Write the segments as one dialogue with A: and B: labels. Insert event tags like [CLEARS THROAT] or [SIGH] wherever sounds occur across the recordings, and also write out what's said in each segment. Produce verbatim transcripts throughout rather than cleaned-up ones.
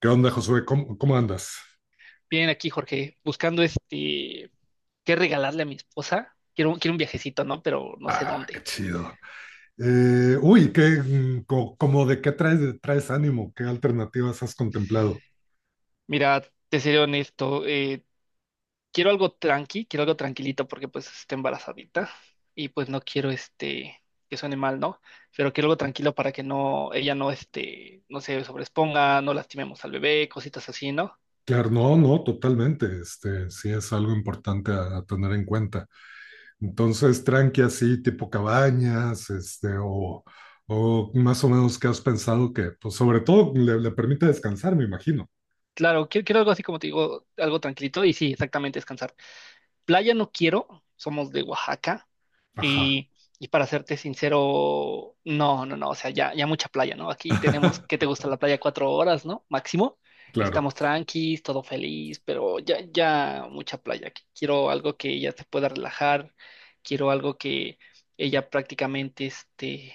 A: ¿Qué onda, Josué? ¿Cómo, cómo andas?
B: Bien, aquí, Jorge, buscando este, qué regalarle a mi esposa. Quiero, un- quiero un viajecito, ¿no? Pero no sé
A: Ah, qué
B: dónde.
A: chido. Eh, uy, qué, mm, co- como de qué traes, traes ánimo? ¿Qué alternativas has contemplado?
B: Mira, te seré honesto, eh, quiero algo tranqui, quiero algo tranquilito porque pues está embarazadita y pues no quiero este, que suene mal, ¿no? Pero quiero algo tranquilo para que no, ella no este, no se sobreexponga, no lastimemos al bebé, cositas así, ¿no?
A: Claro, no, no, totalmente. Este, sí es algo importante a, a tener en cuenta. Entonces, tranqui así, tipo cabañas, este, o, o más o menos, ¿qué has pensado que, pues, sobre todo le, le permite descansar, me imagino?
B: Claro, quiero, quiero algo así como te digo, algo tranquilito y sí, exactamente descansar. Playa no quiero, somos de Oaxaca.
A: Ajá.
B: Y, y para serte sincero, no, no, no, o sea, ya, ya mucha playa, ¿no? Aquí tenemos, ¿qué te
A: [LAUGHS]
B: gusta la playa? Cuatro horas, ¿no? Máximo.
A: Claro,
B: Estamos tranquis, todo feliz, pero ya, ya mucha playa. Qu- Quiero algo que ella se pueda relajar, quiero algo que ella prácticamente este,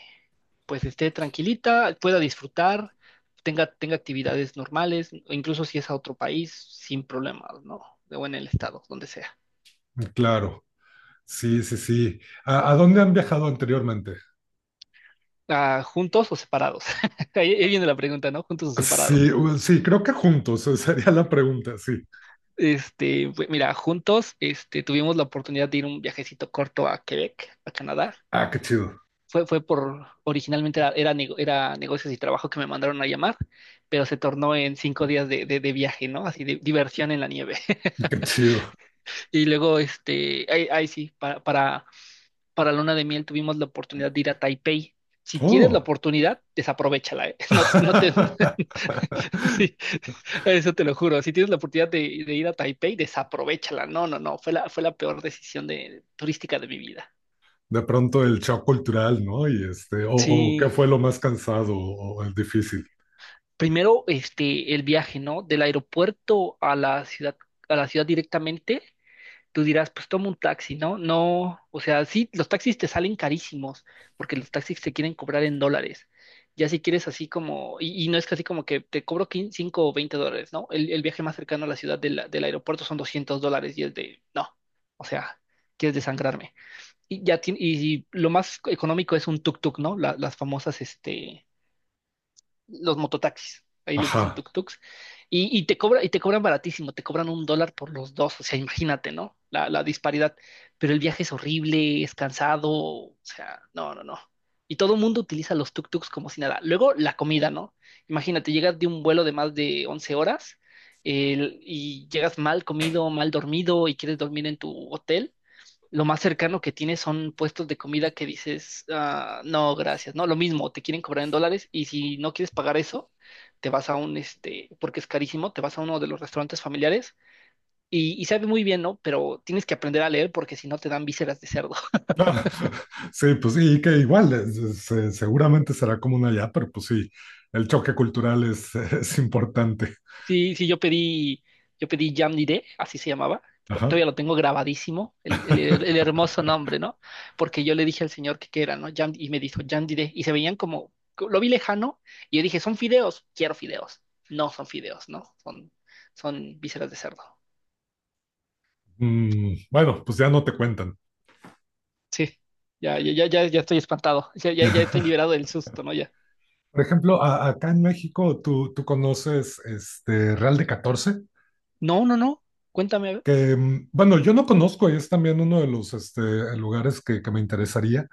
B: pues esté tranquilita, pueda disfrutar, tenga, tenga actividades normales, o incluso si es a otro país, sin problemas, ¿no? O en el estado, donde sea.
A: claro. Sí, sí, sí. ¿A, a dónde han viajado anteriormente?
B: Ah, ¿juntos o separados? [LAUGHS] Ahí, ahí viene la pregunta, ¿no? ¿Juntos o
A: Sí,
B: separados?
A: u- sí, creo que juntos, eh, sería la pregunta, sí.
B: Este, pues, mira, juntos, este, tuvimos la oportunidad de ir un viajecito corto a Quebec, a Canadá.
A: Ah, qué chido,
B: Fue, fue por, originalmente era, era, nego- era negocios y trabajo que me mandaron a llamar, pero se tornó en cinco días de, de, de viaje, ¿no? Así de diversión en la nieve. [LAUGHS]
A: qué chido.
B: Y luego, este, ahí, ahí sí, para, para, para Luna de Miel tuvimos la oportunidad de ir a Taipei. Si tienes la
A: Oh.
B: oportunidad, desaprovéchala, ¿eh? [LAUGHS] No, no te.
A: [LAUGHS]
B: Sí, [LAUGHS] eso te lo juro. Si tienes la oportunidad de, de ir a Taipei, desaprovéchala. No, no, no. Fue la, fue la peor decisión de, turística de mi vida.
A: De pronto el shock cultural, ¿no? Y este, o, o qué
B: Sí.
A: fue lo más cansado o el difícil.
B: Primero, este, el viaje, ¿no? Del aeropuerto a la ciudad, a la ciudad directamente. Tú dirás, pues toma un taxi, ¿no? No, o sea, sí, los taxis te salen carísimos porque los taxis te quieren cobrar en dólares. Ya si quieres así como, y, y no es que así como que te cobro cinco o veinte dólares, ¿no? El, el viaje más cercano a la ciudad del, del aeropuerto son doscientos dólares y es de, no, o sea, quieres desangrarme. Y ya tien- y, y lo más económico es un tuk-tuk, ¿no? La- las famosas, este, los mototaxis. Ahí les dicen
A: Ajá.
B: tuk-tuks. Y, y te cobra, y te cobran baratísimo, te cobran un dólar por los dos. O sea, imagínate, ¿no? La, la disparidad. Pero el viaje es horrible, es cansado. O sea, no, no, no. Y todo el mundo utiliza los tuk-tuks como si nada. Luego la comida, ¿no? Imagínate, llegas de un vuelo de más de once horas el- y llegas mal comido, mal dormido y quieres dormir en tu hotel lo más cercano que tienes son puestos de comida que dices, "Ah, no, gracias, ¿no? Lo mismo, te quieren cobrar en dólares y si no quieres pagar eso, te vas a un, este, porque es carísimo, te vas a uno de los restaurantes familiares y, y sabe muy bien, ¿no? Pero tienes que aprender a leer porque si no te dan vísceras de cerdo.
A: Ah, [LAUGHS] sí, pues sí, y que igual, es- es, eh, seguramente será común allá, pero pues sí, el choque cultural es, [LAUGHS] es importante.
B: Sí, sí, yo pedí, yo pedí Jamnidé, así se llamaba.
A: Ajá.
B: Todavía lo tengo grabadísimo, el, el- el hermoso
A: [LAUGHS]
B: nombre, ¿no? Porque yo le dije al señor que qué era, ¿no? Jam- y me dijo Jamnidé, y se veían como, lo vi lejano, y yo dije, son fideos, quiero fideos. No son fideos, ¿no? Son, son vísceras de cerdo.
A: Mm, bueno, pues ya no te cuentan.
B: Sí, ya, ya, ya, ya, ya estoy espantado, ya, ya, ya estoy
A: [LAUGHS]
B: liberado del susto, ¿no? Ya.
A: Por ejemplo, a- acá en México, ¿tú, tú conoces este Real de Catorce?
B: No, no, no, cuéntame, a ver.
A: Que, mm, bueno, yo no conozco y es también uno de los este, lugares que, que me interesaría,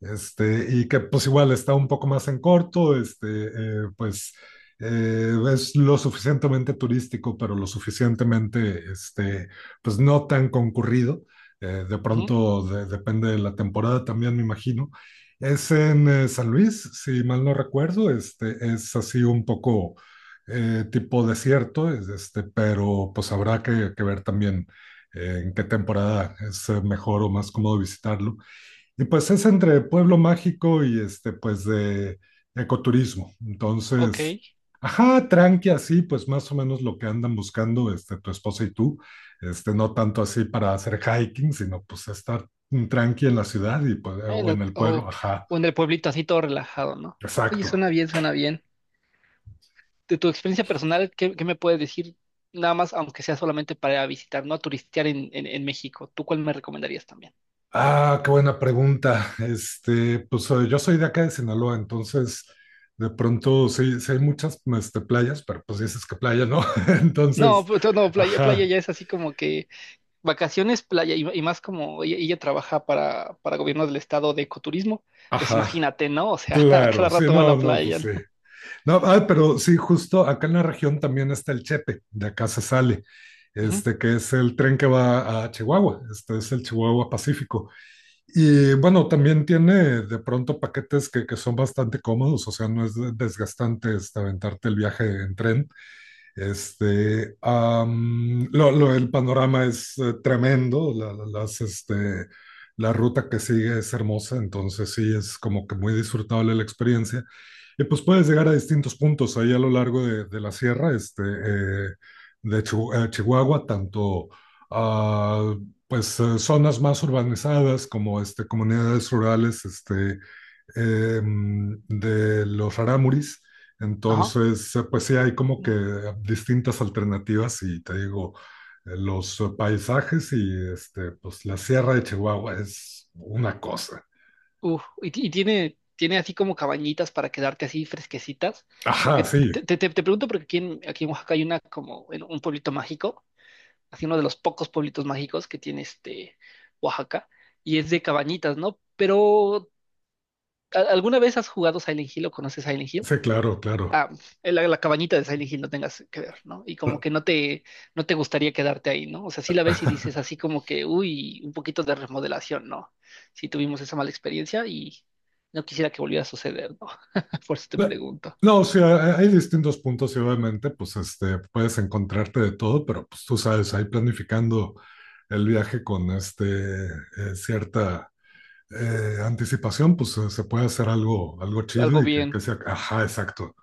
A: este, y que pues igual está un poco más en corto, este, eh, pues eh, es lo suficientemente turístico, pero lo suficientemente, este, pues no tan concurrido. Eh, de
B: Ujú.
A: pronto de- depende de la temporada también, me imagino. Es en eh, San Luis, si mal no recuerdo, este, es así un poco eh, tipo desierto, es, este, pero pues habrá que, que ver también, eh, en qué temporada es eh, mejor o más cómodo visitarlo. Y pues es entre pueblo mágico y este, pues de ecoturismo.
B: Ok.
A: Entonces, ajá, tranqui así, pues más o menos lo que andan buscando este, tu esposa y tú. Este, no tanto así para hacer hiking, sino pues estar tranqui en la ciudad y, pues,
B: En
A: o
B: la-
A: en el pueblo,
B: ok.
A: ajá,
B: O en el pueblito así todo relajado, ¿no? Oye,
A: exacto.
B: suena bien, suena bien. De tu experiencia personal, ¿qué, qué me puedes decir? Nada más, aunque sea solamente para visitar, no a turistear en, en, en México. ¿Tú cuál me recomendarías también?
A: Ah, qué buena pregunta. Este, pues eh, yo soy de acá de Sinaloa. Entonces, de pronto sí, sí hay muchas este, playas, pero pues dices que playa, ¿no? [LAUGHS]
B: No,
A: Entonces,
B: pues, no, playa, playa
A: ajá,
B: ya es así como que vacaciones, playa, y, y más como ella, ella trabaja para, para gobierno del estado de ecoturismo, pues
A: ajá.
B: imagínate, ¿no? O sea, [LAUGHS] a
A: Claro,
B: cada
A: sí,
B: rato va a
A: no,
B: la
A: no, pues
B: playa,
A: sí.
B: ¿no?
A: No, ah, pero sí, justo acá en la región también está el Chepe, de acá se sale,
B: Ujú.
A: este, que es el tren que va a Chihuahua, este es el Chihuahua Pacífico. Y bueno, también tiene de pronto paquetes que, que son bastante cómodos, o sea, no es de- desgastante, este, aventarte el viaje en tren. Este, am, lo, lo- el panorama es eh, tremendo, la- la- las, este, la ruta que sigue es hermosa. Entonces sí, es como que muy disfrutable la experiencia. Y pues puedes llegar a distintos puntos ahí a lo largo de, de la sierra, este, eh, de Chihu- eh, Chihuahua, tanto ah, pues eh, zonas más urbanizadas como este, comunidades rurales este, em, de los rarámuris.
B: Ajá.
A: Entonces, eh, pues sí, hay como que distintas alternativas y te digo, eh, los eh, paisajes y este, pues la sierra de Chihuahua es una cosa.
B: Uf, y, ti- y tiene, tiene así como cabañitas para quedarte así fresquecitas,
A: Ajá,
B: porque
A: sí,
B: te, te, te- te pregunto porque aquí en, aquí en Oaxaca hay una como en un pueblito mágico así uno de los pocos pueblitos mágicos que tiene este Oaxaca, y es de cabañitas, ¿no? Pero, ¿a- ¿alguna vez has jugado Silent Hill o conoces Silent Hill?
A: sí, claro, claro.
B: Ah, la, la cabañita de Silent Hill no tengas que ver, ¿no? Y como que no te, no te gustaría quedarte ahí, ¿no? O sea, sí la ves y dices
A: [LAUGHS]
B: así como que, uy, un poquito de remodelación, ¿no? Sí tuvimos esa mala experiencia y no quisiera que volviera a suceder, ¿no? [LAUGHS] Por eso te
A: No,
B: pregunto.
A: no, o sea, hay distintos puntos y obviamente, pues, este, puedes encontrarte de todo, pero pues tú sabes, ahí planificando el viaje con este, eh, cierta eh, anticipación, pues eh, se puede hacer algo, algo
B: Algo
A: chido y que,
B: bien.
A: que sea, ajá, exacto.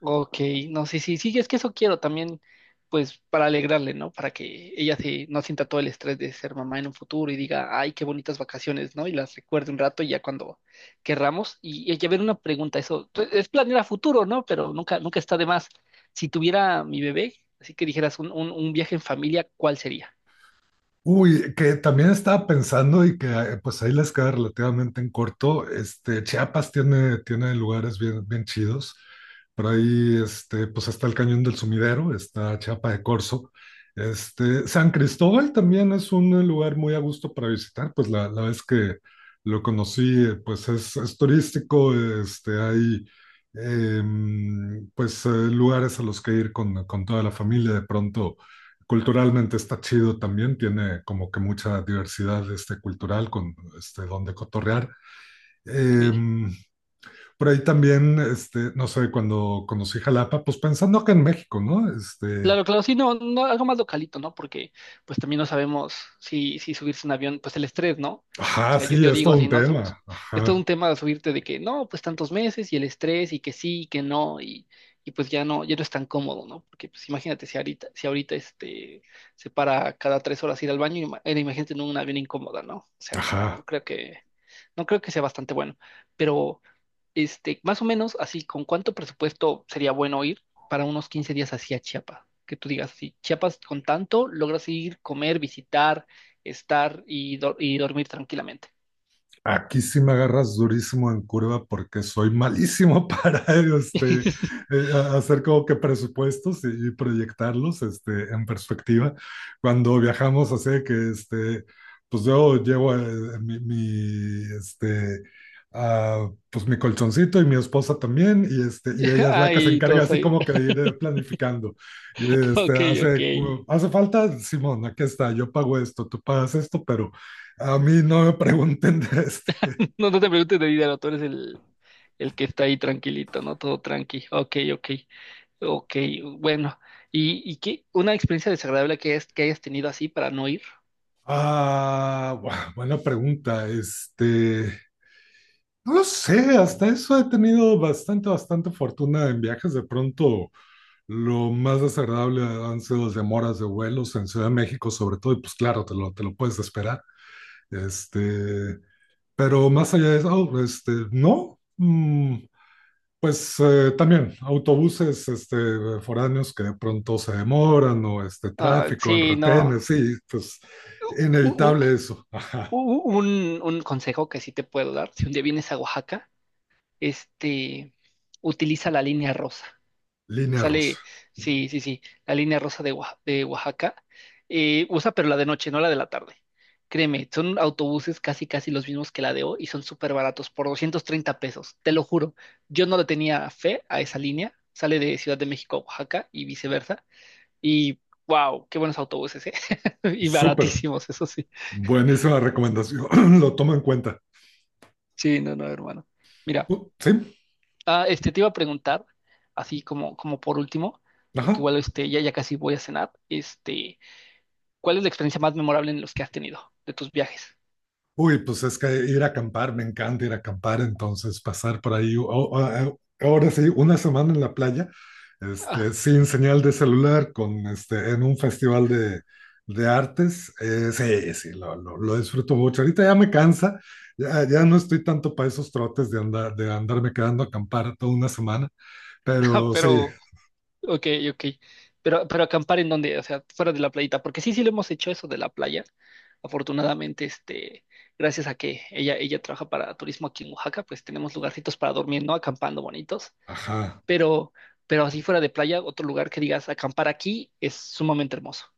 B: Ok, no, sí, sí, sí, es que eso quiero también, pues para alegrarle, ¿no? Para que ella se, no sienta todo el estrés de ser mamá en un futuro y diga, ay, qué bonitas vacaciones, ¿no? Y las recuerde un rato y ya cuando querramos. Y, y a ver, una pregunta, eso pues, es planear a futuro, ¿no? Pero nunca, nunca está de más. Si tuviera mi bebé, así que dijeras un, un, un viaje en familia, ¿cuál sería?
A: Uy, que también estaba pensando y que eh, pues ahí les queda relativamente en corto. Este, Chiapas tiene, tiene lugares bien, bien chidos. Por ahí este, pues está el Cañón del Sumidero, está Chiapa de Corzo. Este, San Cristóbal también es un eh, lugar muy a gusto para visitar. Pues la, la vez que lo conocí, eh, pues es, es turístico, este, hay em, pues eh, lugares a los que ir con, con toda la familia de pronto. Culturalmente está chido también, tiene como que mucha diversidad este, cultural con este, donde cotorrear.
B: Ok.
A: Em, por ahí también, este, no sé, cuando conocí Jalapa, pues pensando que en México, ¿no? Este,
B: Claro, claro, sí, no, no, algo más localito, ¿no? Porque pues también no sabemos si, si subirse en avión, pues el estrés, ¿no? O
A: ajá,
B: sea, yo,
A: sí,
B: yo
A: es
B: digo
A: todo un
B: así, ¿no? Su-
A: tema.
B: es todo
A: Ajá,
B: un tema de subirte de que no, pues tantos meses y el estrés y que sí y que no y, y pues ya no, ya no es tan cómodo, ¿no? Porque pues imagínate si ahorita, si ahorita este se para cada tres horas ir al baño, ima- eh, imagínate en un avión incómoda, ¿no? O sea, no, no
A: ajá.
B: creo que, no creo que sea bastante bueno, pero... Este, más o menos así, ¿con cuánto presupuesto sería bueno ir para unos quince días hacia Chiapas? Que tú digas, si Chiapas con tanto logras ir, comer, visitar, estar y, do- y dormir tranquilamente.
A: Aquí sí me agarras durísimo en curva porque soy malísimo [LAUGHS] para este,
B: [LAUGHS]
A: eh, a- hacer como que presupuestos y, y proyectarlos este, en perspectiva. Cuando viajamos así de que este, pues yo llevo eh, mi, mi, este, ah, pues mi colchoncito y mi esposa también y, este, y ella es la que se
B: Ay,
A: encarga
B: todos
A: así
B: ahí.
A: como que de
B: [LAUGHS]
A: ir eh, planificando. Y este,
B: Ok, ok.
A: hace, hace falta, Simón, aquí está, yo pago esto, tú pagas esto, pero... A mí no me pregunten de [LAUGHS] este,
B: No, no te preguntes de dinero, tú eres el, el que está ahí tranquilito, ¿no? Todo tranqui. Ok, ok. Ok, bueno. ¿Y, y qué? ¿Una experiencia desagradable que, es, que hayas tenido así para no ir?
A: ah, buah, buena pregunta. Este, no lo sé, hasta eso he tenido bastante, bastante fortuna en viajes. De pronto, lo más desagradable han sido las demoras de vuelos en Ciudad de México, sobre todo, y pues claro, te lo, te lo puedes esperar. Este, pero más allá de eso, oh, este, no. Mm, pues eh, también autobuses este, foráneos que de pronto se demoran o este
B: Ah,
A: tráfico en
B: sí, no.
A: retenes, sí, pues inevitable eso. [LAUGHS]
B: u- un, un consejo que sí te puedo dar, si un día vienes a Oaxaca, este, utiliza la línea rosa.
A: Línea rosa.
B: Sale, sí, sí, sí, la línea rosa de, Oaxa- de Oaxaca. Eh, usa, pero la de noche, no la de la tarde. Créeme, son autobuses casi, casi los mismos que la de hoy y son súper baratos, por doscientos treinta pesos, te lo juro. Yo no le tenía fe a esa línea. Sale de Ciudad de México a Oaxaca y viceversa. Y wow, qué buenos autobuses, ¿eh? [LAUGHS] Y
A: Súper.
B: baratísimos, eso sí.
A: Buenísima recomendación. [CLEARS THROAT] Lo tomo en cuenta.
B: Sí, no, no, hermano. Mira.
A: Uh, sí,
B: Ah, este, te iba a preguntar, así como, como por último, porque
A: ajá.
B: igual este, ya, ya casi voy a cenar, este, ¿cuál es la experiencia más memorable en los que has tenido de tus viajes?
A: Uy, pues es que ir a acampar, me encanta ir a acampar, entonces pasar por ahí, o- o- a- ahora sí, una semana en la playa, este,
B: Ah,
A: sin señal de celular, con este, en un festival de, de artes, eh, sí, sí, lo, lo- lo disfruto mucho. Ahorita ya me cansa, ya, ya no estoy tanto para esos trotes de andar, de andarme quedando a acampar toda una semana,
B: [LAUGHS]
A: pero sí,
B: pero, ok, ok. Pero, pero acampar en donde, o sea, fuera de la playita, porque sí, sí lo hemos hecho eso de la playa. Afortunadamente, este, gracias a que ella, ella trabaja para turismo aquí en Oaxaca, pues tenemos lugarcitos para dormir, ¿no? Acampando bonitos.
A: ajá.
B: Pero, pero así fuera de playa, otro lugar que digas, acampar aquí es sumamente hermoso.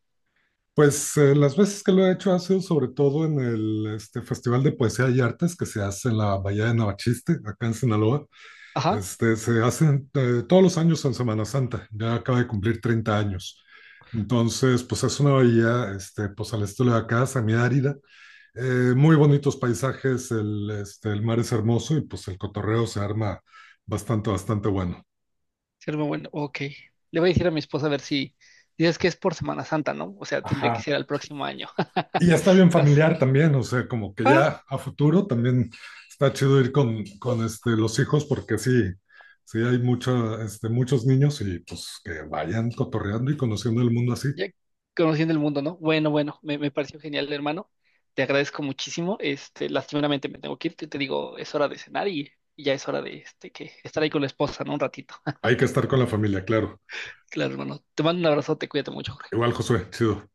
A: Pues eh, las veces que lo he hecho ha sido sobre todo en el este, Festival de Poesía y Artes que se hace en la Bahía de Navachiste, acá en Sinaloa.
B: Ajá.
A: Este, se hacen eh, todos los años en Semana Santa, ya acaba de cumplir treinta años. Entonces, pues es una bahía, este, pues al estilo de acá, semiárida, eh, muy bonitos paisajes, el, este, el mar es hermoso y pues el cotorreo se arma bastante, bastante bueno.
B: Ser muy bueno, ok. Le voy a decir a mi esposa a ver si dices que es por Semana Santa, ¿no? O sea, tendría que
A: Ajá.
B: ser al próximo año.
A: Y
B: [LAUGHS]
A: ya está bien
B: As-
A: familiar también, o sea, como que
B: Ah,
A: ya a futuro también está chido ir con,
B: oh,
A: con este, los hijos porque sí, sí hay mucho, este, muchos niños y pues que vayan cotorreando y conociendo el mundo así.
B: ya conociendo el mundo, ¿no? Bueno, bueno, me, me pareció genial, hermano. Te agradezco muchísimo. Este, lastimeramente me tengo que ir. Te, te digo, es hora de cenar y, y ya es hora de este, que estar ahí con la esposa, ¿no? Un ratito. [LAUGHS]
A: Hay que estar con la familia, claro.
B: Claro, hermano. Te mando un abrazo, te cuídate mucho, Jorge.
A: Igual, Josué, chido.